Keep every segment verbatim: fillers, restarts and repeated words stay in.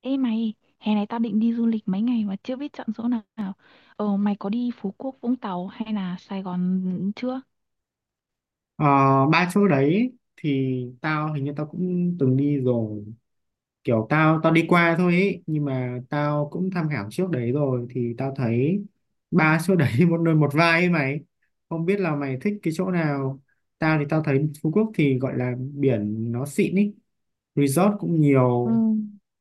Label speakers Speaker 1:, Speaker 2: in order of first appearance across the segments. Speaker 1: Ê mày, hè này tao định đi du lịch mấy ngày mà chưa biết chọn chỗ nào. Ờ, mày có đi Phú Quốc, Vũng Tàu hay là Sài Gòn chưa?
Speaker 2: Ờ, ba chỗ đấy thì tao hình như tao cũng từng đi rồi kiểu tao tao đi qua thôi ấy, nhưng mà tao cũng tham khảo trước đấy rồi thì tao thấy ba chỗ đấy một nơi một vai ấy mày, không biết là mày thích cái chỗ nào. Tao thì tao thấy Phú Quốc thì gọi là biển nó xịn ấy, resort cũng
Speaker 1: Ừ.
Speaker 2: nhiều.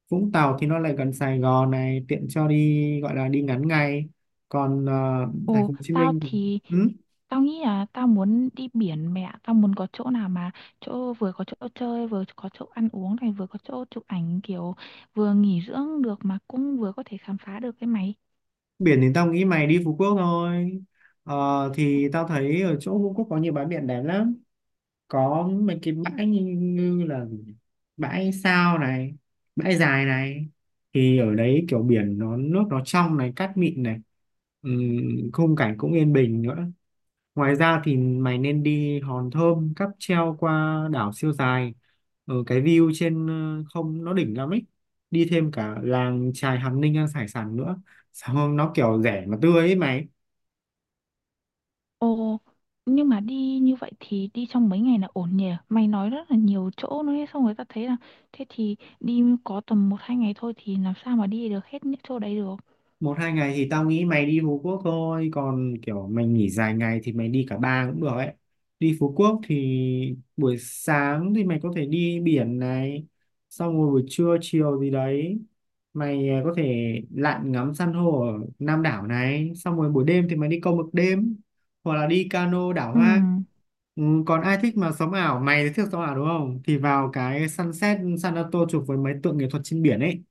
Speaker 2: Vũng Tàu thì nó lại gần Sài Gòn này, tiện cho đi gọi là đi ngắn ngày. Còn ờ, thành
Speaker 1: Ồ,
Speaker 2: phố Hồ Chí
Speaker 1: tao
Speaker 2: Minh thì-
Speaker 1: thì
Speaker 2: ừ?
Speaker 1: tao nghĩ là tao muốn đi biển mẹ, tao muốn có chỗ nào mà chỗ vừa có chỗ chơi, vừa có chỗ ăn uống này, vừa có chỗ chụp ảnh kiểu vừa nghỉ dưỡng được mà cũng vừa có thể khám phá được cái mày.
Speaker 2: Biển thì tao nghĩ mày đi Phú Quốc thôi. Ờ, thì tao thấy ở chỗ Phú Quốc có nhiều bãi biển đẹp lắm, có mấy cái bãi như, như là bãi Sao này, bãi Dài này, thì ở đấy kiểu biển nó nước nó trong này, cát mịn này. Ừm, khung cảnh cũng yên bình nữa. Ngoài ra thì mày nên đi Hòn Thơm cáp treo qua đảo siêu dài. Ở cái view trên ờ, không, nó đỉnh lắm ấy. Đi thêm cả làng chài Hàm Ninh ăn hải sản nữa. Xong nó kiểu rẻ mà tươi ấy mày.
Speaker 1: Ồ, nhưng mà đi như vậy thì đi trong mấy ngày là ổn nhỉ? Mày nói rất là nhiều chỗ nữa ấy, xong người ta thấy là thế thì đi có tầm một hai ngày thôi thì làm sao mà đi được hết những chỗ đấy được.
Speaker 2: Một hai ngày thì tao nghĩ mày đi Phú Quốc thôi, còn kiểu mày nghỉ dài ngày thì mày đi cả ba cũng được ấy. Đi Phú Quốc thì buổi sáng thì mày có thể đi biển này, xong rồi buổi trưa chiều gì đấy mày à, có thể lặn ngắm san hô ở Nam đảo này, xong rồi buổi đêm thì mày đi câu mực đêm hoặc là đi cano đảo
Speaker 1: Ừ.
Speaker 2: hoang. Ừ, còn ai thích mà sống ảo mày, thì thích sống ảo đúng không, thì vào cái sunset San Antonio chụp với mấy tượng nghệ thuật trên biển ấy.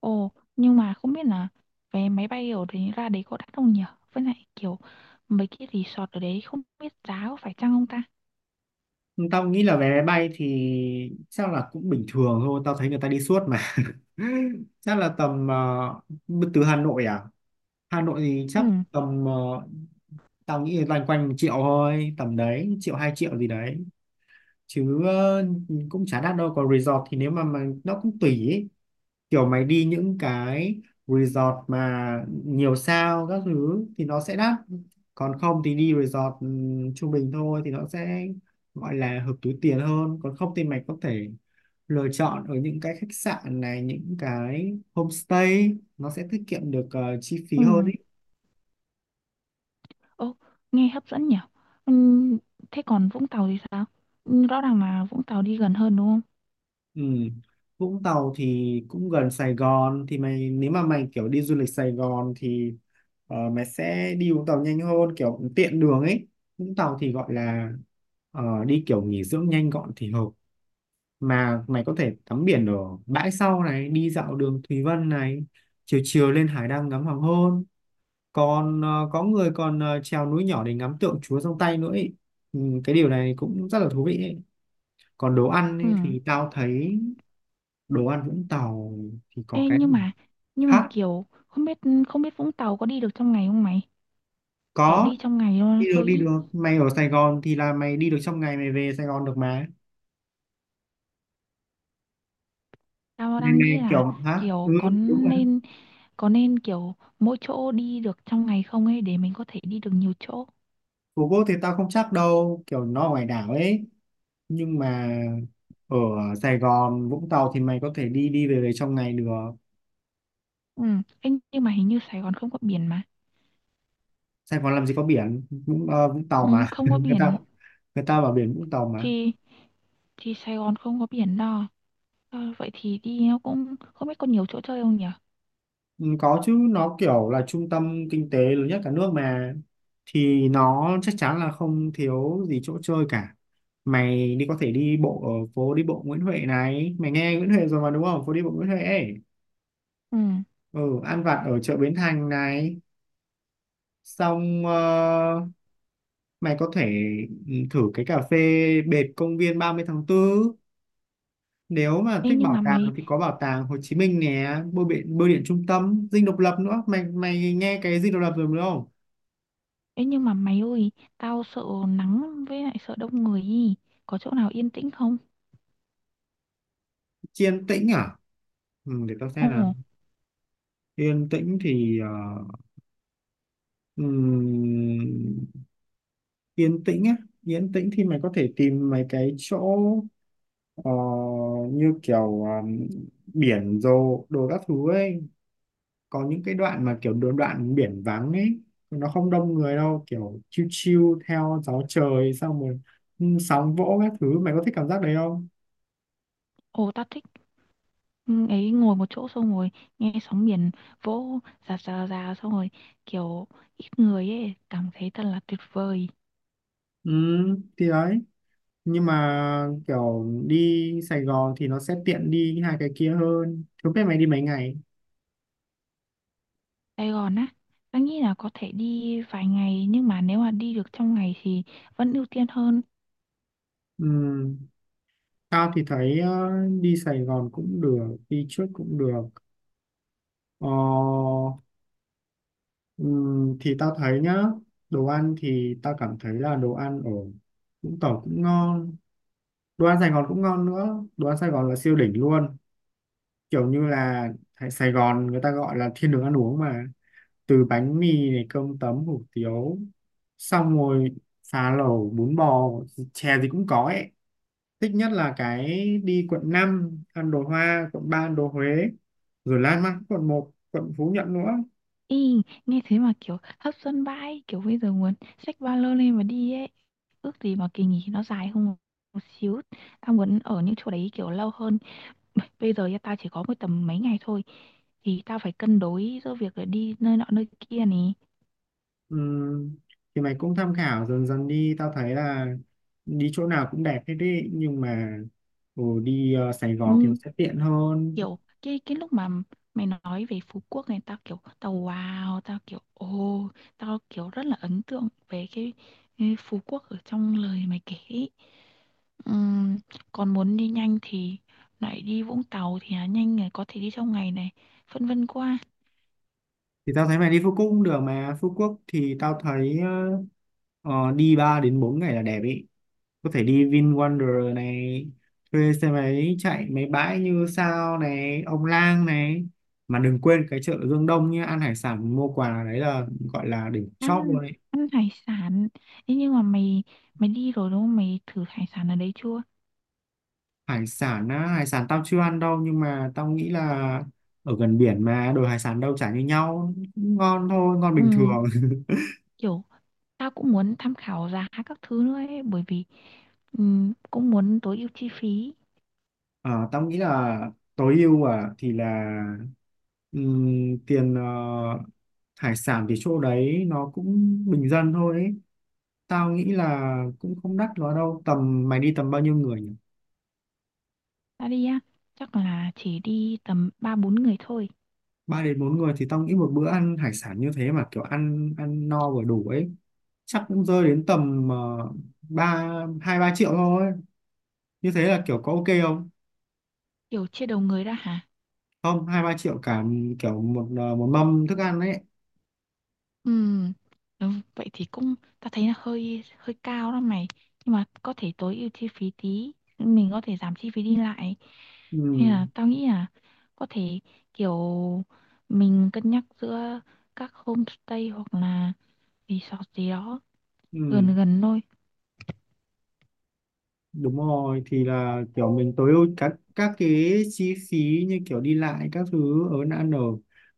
Speaker 1: Ồ, nhưng mà không biết là vé máy bay ở đấy ra đấy có đắt không nhỉ? Với lại kiểu mấy cái resort ở đấy không biết giá có phải chăng không ta?
Speaker 2: Tao nghĩ là vé máy bay thì chắc là cũng bình thường thôi, tao thấy người ta đi suốt mà. Chắc là tầm ờ, từ Hà Nội à? Hà Nội thì
Speaker 1: Ừ.
Speaker 2: chắc tầm ờ, tao nghĩ loanh quanh một triệu thôi, tầm đấy, triệu hai triệu gì đấy. Chứ ờ, cũng chả đắt đâu. Còn resort thì nếu mà, mà nó cũng tùy ý, kiểu mày đi những cái resort mà nhiều sao các thứ thì nó sẽ đắt, còn không thì đi resort ừm, trung bình thôi thì nó sẽ gọi là hợp túi tiền hơn. Còn không thì mày có thể lựa chọn ở những cái khách sạn này, những cái homestay, nó sẽ tiết kiệm được ờ, chi
Speaker 1: Ừ.
Speaker 2: phí hơn.
Speaker 1: Ồ, nghe hấp dẫn nhỉ? Ừ, thế còn Vũng Tàu thì sao? Ừm, Rõ ràng là Vũng Tàu đi gần hơn đúng không?
Speaker 2: Ừ. Vũng Tàu thì cũng gần Sài Gòn, thì mày nếu mà mày kiểu đi du lịch Sài Gòn thì ờ, mày sẽ đi Vũng Tàu nhanh hơn, kiểu tiện đường ấy. Vũng Tàu thì gọi là ờ, đi kiểu nghỉ dưỡng nhanh gọn thì hợp. Mà mày có thể tắm biển ở bãi sau này, đi dạo đường Thùy Vân này, chiều chiều lên hải đăng ngắm hoàng hôn. Còn ờ, có người còn ờ, trèo núi nhỏ để ngắm tượng Chúa trong tay nữa ấy. Ừ, cái điều này cũng rất là thú vị ấy. Còn đồ ăn
Speaker 1: Ừ.
Speaker 2: ấy, thì tao thấy đồ ăn Vũng Tàu thì có
Speaker 1: Ê,
Speaker 2: cái
Speaker 1: nhưng
Speaker 2: gì?
Speaker 1: mà nhưng mà
Speaker 2: Hả?
Speaker 1: kiểu không biết không biết Vũng Tàu có đi được trong ngày không mày? Kiểu
Speaker 2: Có,
Speaker 1: đi trong ngày luôn
Speaker 2: đi được
Speaker 1: thôi
Speaker 2: đi
Speaker 1: ý.
Speaker 2: được mày, ở Sài Gòn thì là mày đi được trong ngày, mày về Sài Gòn được mà.
Speaker 1: Tao
Speaker 2: mày,
Speaker 1: đang nghĩ
Speaker 2: mày
Speaker 1: là
Speaker 2: kiểu hả ừ
Speaker 1: kiểu có
Speaker 2: đúng rồi.
Speaker 1: nên có nên kiểu mỗi chỗ đi được trong ngày không ấy để mình có thể đi được nhiều chỗ.
Speaker 2: Phú Quốc thì tao không chắc đâu, kiểu nó ở ngoài đảo ấy, nhưng mà ở Sài Gòn, Vũng Tàu thì mày có thể đi đi về về trong ngày được.
Speaker 1: Ừ. Ê, nhưng mà hình như Sài Gòn không có biển mà.
Speaker 2: Sài Gòn làm gì có biển, Vũng, ờ, Vũng Tàu
Speaker 1: Ừ,
Speaker 2: mà
Speaker 1: không có
Speaker 2: người
Speaker 1: biển
Speaker 2: ta, người ta bảo biển Vũng Tàu mà.
Speaker 1: thì thì Sài Gòn không có biển đâu. Ờ, vậy thì đi nó cũng không biết có nhiều chỗ chơi không nhỉ?
Speaker 2: Ừ, có chứ, nó kiểu là trung tâm kinh tế lớn nhất cả nước mà, thì nó chắc chắn là không thiếu gì chỗ chơi cả. Mày đi có thể đi bộ ở phố đi bộ Nguyễn Huệ này, mày nghe Nguyễn Huệ rồi mà đúng không, phố đi bộ Nguyễn Huệ ấy.
Speaker 1: Ừ.
Speaker 2: Ừ, ăn vặt ở chợ Bến Thành này, xong ờ, mày có thể ừ, thử cái cà phê bệt công viên ba mươi tháng tư. Nếu mà
Speaker 1: Ê,
Speaker 2: thích
Speaker 1: nhưng
Speaker 2: bảo
Speaker 1: mà
Speaker 2: tàng
Speaker 1: mày
Speaker 2: thì có bảo tàng Hồ Chí Minh nè, bưu điện bưu điện trung tâm, Dinh Độc Lập nữa, mày mày nghe cái Dinh Độc Lập rồi đúng không.
Speaker 1: Ê nhưng mà mày ơi, tao sợ nắng với lại sợ đông người ý. Có chỗ nào yên tĩnh không?
Speaker 2: Yên tĩnh à? Ừ, để tao
Speaker 1: Ồ,
Speaker 2: xem nào. Yên tĩnh thì ờ, ừm, yên tĩnh á, yên tĩnh thì mày có thể tìm mấy cái chỗ ờ, như kiểu ờm, biển rồi đồ các thứ ấy. Có những cái đoạn mà kiểu đồ đoạn biển vắng ấy, nó không đông người đâu, kiểu chill chill theo gió trời, xong rồi ừ, sóng vỗ các thứ, mày có thích cảm giác đấy không?
Speaker 1: ồ tao thích. Ừ, ấy ngồi một chỗ xong rồi nghe sóng biển vỗ rà rà rà xong rồi kiểu ít người ấy, cảm thấy thật là tuyệt vời.
Speaker 2: Ừ, thì đấy, nhưng mà kiểu đi Sài Gòn thì nó sẽ tiện đi hai cái kia hơn, không biết mày đi mấy ngày.
Speaker 1: Sài Gòn á, tao nghĩ là có thể đi vài ngày nhưng mà nếu mà đi được trong ngày thì vẫn ưu tiên hơn.
Speaker 2: Ừm, Tao thì thấy ờ, đi Sài Gòn cũng được, đi trước cũng được. Ờ, ừm, thì tao thấy nhá, đồ ăn thì tao cảm thấy là đồ ăn ở Vũng Tàu cũng ngon, đồ ăn Sài Gòn cũng ngon nữa. Đồ ăn Sài Gòn là siêu đỉnh luôn, kiểu như là Sài Gòn người ta gọi là thiên đường ăn uống mà, từ bánh mì này, cơm tấm, hủ tiếu, xong rồi phá lẩu, bún bò, chè gì cũng có ấy. Thích nhất là cái đi quận năm ăn đồ Hoa, quận ba ăn đồ Huế, rồi lan man quận một, quận Phú Nhuận nữa.
Speaker 1: Ý, nghe thế mà kiểu hấp dẫn vãi, kiểu bây giờ muốn xách ba lô lên mà đi ấy. Ước gì mà kỳ nghỉ nó dài hơn một xíu, tao muốn ở những chỗ đấy kiểu lâu hơn. Bây giờ tao chỉ có mỗi tầm mấy ngày thôi thì tao phải cân đối giữa việc là đi nơi nọ nơi kia này.
Speaker 2: Ừm, thì mày cũng tham khảo dần dần đi, tao thấy là đi chỗ nào cũng đẹp hết đi, nhưng mà ừ, đi ờ, Sài Gòn thì nó
Speaker 1: Ừ,
Speaker 2: sẽ tiện hơn.
Speaker 1: kiểu cái cái lúc mà mày nói về Phú Quốc này, tao kiểu tao wow, tao kiểu ồ, tao kiểu rất là ấn tượng về cái, cái Phú Quốc ở trong lời mày kể ấy. Ừm, còn muốn đi nhanh thì lại đi Vũng Tàu thì là nhanh này, có thể đi trong ngày này. Phân vân quá.
Speaker 2: Thì tao thấy mày đi Phú Quốc cũng được mà. Phú Quốc thì tao thấy ờ, ờ, đi ba đến bốn ngày là đẹp ý. Có thể đi VinWonder này, thuê xe máy chạy mấy bãi như Sao này, Ông Lang này, mà đừng quên cái chợ Dương Đông nhé, ăn hải sản mua quà, đấy là gọi là đỉnh chóp luôn
Speaker 1: ăn
Speaker 2: ấy.
Speaker 1: ăn hải sản. Ê, nhưng mà mày mày đi rồi đúng không, mày thử hải sản ở đấy chưa?
Speaker 2: Hải sản á, hải sản tao chưa ăn đâu, nhưng mà tao nghĩ là ở gần biển mà, đồ hải sản đâu chả như nhau, cũng ngon thôi, ngon bình
Speaker 1: Ừ,
Speaker 2: thường.
Speaker 1: kiểu tao cũng muốn tham khảo giá các thứ nữa ấy, bởi vì ừ, cũng muốn tối ưu chi phí.
Speaker 2: Ờ, tao nghĩ là tối ưu à, thì là ừm, tiền ờ, hải sản thì chỗ đấy nó cũng bình dân thôi ấy. Tao nghĩ là cũng không đắt quá đâu. Tầm mày đi tầm bao nhiêu người nhỉ?
Speaker 1: Tao đi á, chắc là chỉ đi tầm ba bốn người thôi.
Speaker 2: Ba đến bốn người thì tao nghĩ một bữa ăn hải sản như thế mà kiểu ăn ăn no vừa đủ ấy, chắc cũng rơi đến tầm ờ, ba hai ba triệu thôi. Như thế là kiểu có ok không?
Speaker 1: Kiểu chia đầu người ra hả?
Speaker 2: Không, hai ba triệu cả, kiểu một ờ, một mâm thức ăn ấy.
Speaker 1: Ừm, ừ, vậy thì cũng ta thấy là hơi hơi cao đó mày, nhưng mà có thể tối ưu chi phí tí, mình có thể giảm chi phí đi lại,
Speaker 2: Ừ,
Speaker 1: hay là tao nghĩ là có thể kiểu mình cân nhắc giữa các homestay hoặc là resort gì đó
Speaker 2: ừ,
Speaker 1: gần gần thôi.
Speaker 2: đúng rồi, thì là kiểu mình tối ưu các các cái chi phí như kiểu đi lại các thứ, ở ăn ở,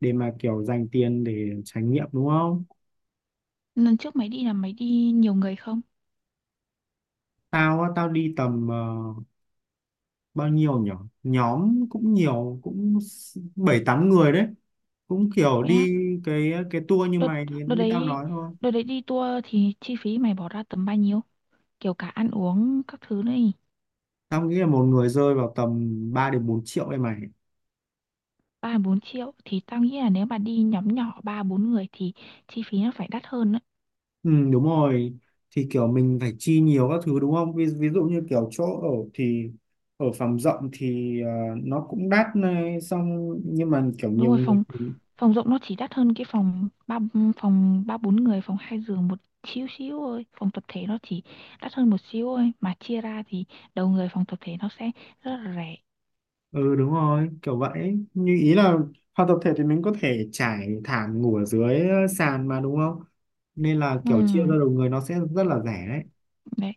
Speaker 2: để mà kiểu dành tiền để trải nghiệm đúng không?
Speaker 1: Lần trước mày đi là mày đi nhiều người không?
Speaker 2: Tao á, tao đi tầm ờ, bao nhiêu nhỉ? Nhóm cũng nhiều, cũng s- bảy tám người đấy. Cũng kiểu
Speaker 1: Vậy á,
Speaker 2: đi cái cái tour như
Speaker 1: đợt
Speaker 2: mày
Speaker 1: đợt
Speaker 2: như tao
Speaker 1: đấy
Speaker 2: nói thôi.
Speaker 1: đợt đấy đi tour thì chi phí mày bỏ ra tầm bao nhiêu, kiểu cả ăn uống các thứ nữa?
Speaker 2: Tao nghĩ là một người rơi vào tầm ba đến bốn triệu đây mày.
Speaker 1: Ba bốn triệu thì tao nghĩ là nếu mà đi nhóm nhỏ ba bốn người thì chi phí nó phải đắt hơn đấy.
Speaker 2: Ừ đúng rồi. Thì kiểu mình phải chi nhiều các thứ đúng không? Ví, ví dụ như kiểu chỗ ở thì ở phòng rộng thì ờ, nó cũng đắt này, xong nhưng mà kiểu
Speaker 1: Đúng
Speaker 2: nhiều
Speaker 1: rồi,
Speaker 2: người.
Speaker 1: phòng phòng rộng nó chỉ đắt hơn cái phòng ba phòng ba bốn người, phòng hai giường một xíu xíu thôi. Phòng tập thể nó chỉ đắt hơn một xíu thôi mà chia ra thì đầu người phòng tập thể nó sẽ rất là rẻ.
Speaker 2: Ừ đúng rồi, kiểu vậy. Như ý là hoạt tập thể thì mình có thể trải thảm ngủ ở dưới ờ, sàn mà đúng không? Nên là
Speaker 1: Ừ,
Speaker 2: kiểu chia ra đầu người nó sẽ rất là rẻ đấy.
Speaker 1: đấy.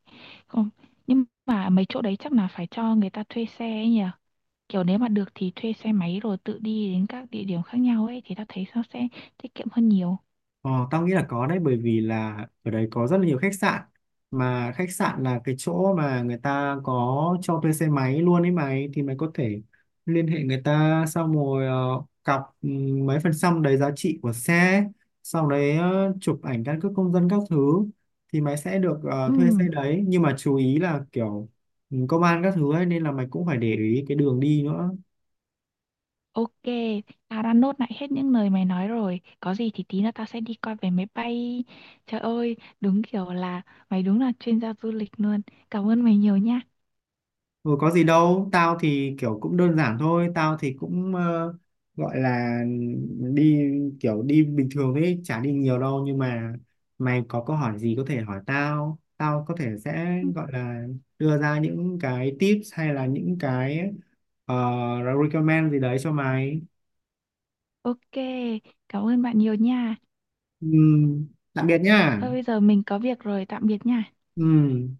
Speaker 1: Không, nhưng mà mấy chỗ đấy chắc là phải cho người ta thuê xe ấy nhỉ, kiểu nếu mà được thì thuê xe máy rồi tự đi đến các địa điểm khác nhau ấy thì ta thấy nó sẽ tiết kiệm hơn nhiều.
Speaker 2: Ờ, tao nghĩ là có đấy, bởi vì là ở đấy có rất là nhiều khách sạn, mà khách sạn là cái chỗ mà người ta có cho thuê xe máy luôn ấy mày, thì mày có thể liên hệ người ta, xong rồi ờ, cọc ừ, mấy phần trăm đấy giá trị của xe, sau đấy ờ, chụp ảnh căn cước công dân các thứ, thì mày sẽ được
Speaker 1: Ừ.
Speaker 2: ờ, thuê xe đấy, nhưng mà chú ý là kiểu ừ, công an các thứ ấy, nên là mày cũng phải để ý cái đường đi nữa.
Speaker 1: Ok, tao đã nốt lại hết những lời mày nói rồi. Có gì thì tí nữa tao sẽ đi coi vé máy bay. Trời ơi, đúng kiểu là mày đúng là chuyên gia du lịch luôn. Cảm ơn mày nhiều nha.
Speaker 2: Ừ, có gì đâu, tao thì kiểu cũng đơn giản thôi, tao thì cũng ờ, gọi là đi kiểu đi bình thường ấy, chả đi nhiều đâu, nhưng mà mày có câu hỏi gì có thể hỏi tao, tao có thể sẽ
Speaker 1: Ừ,
Speaker 2: gọi là đưa ra những cái tips hay là những cái ờ, recommend gì đấy cho mày.
Speaker 1: ok, cảm ơn bạn nhiều nha.
Speaker 2: Ừ, tạm biệt nhá.
Speaker 1: Thôi bây giờ mình có việc rồi, tạm biệt nha.
Speaker 2: Ừ.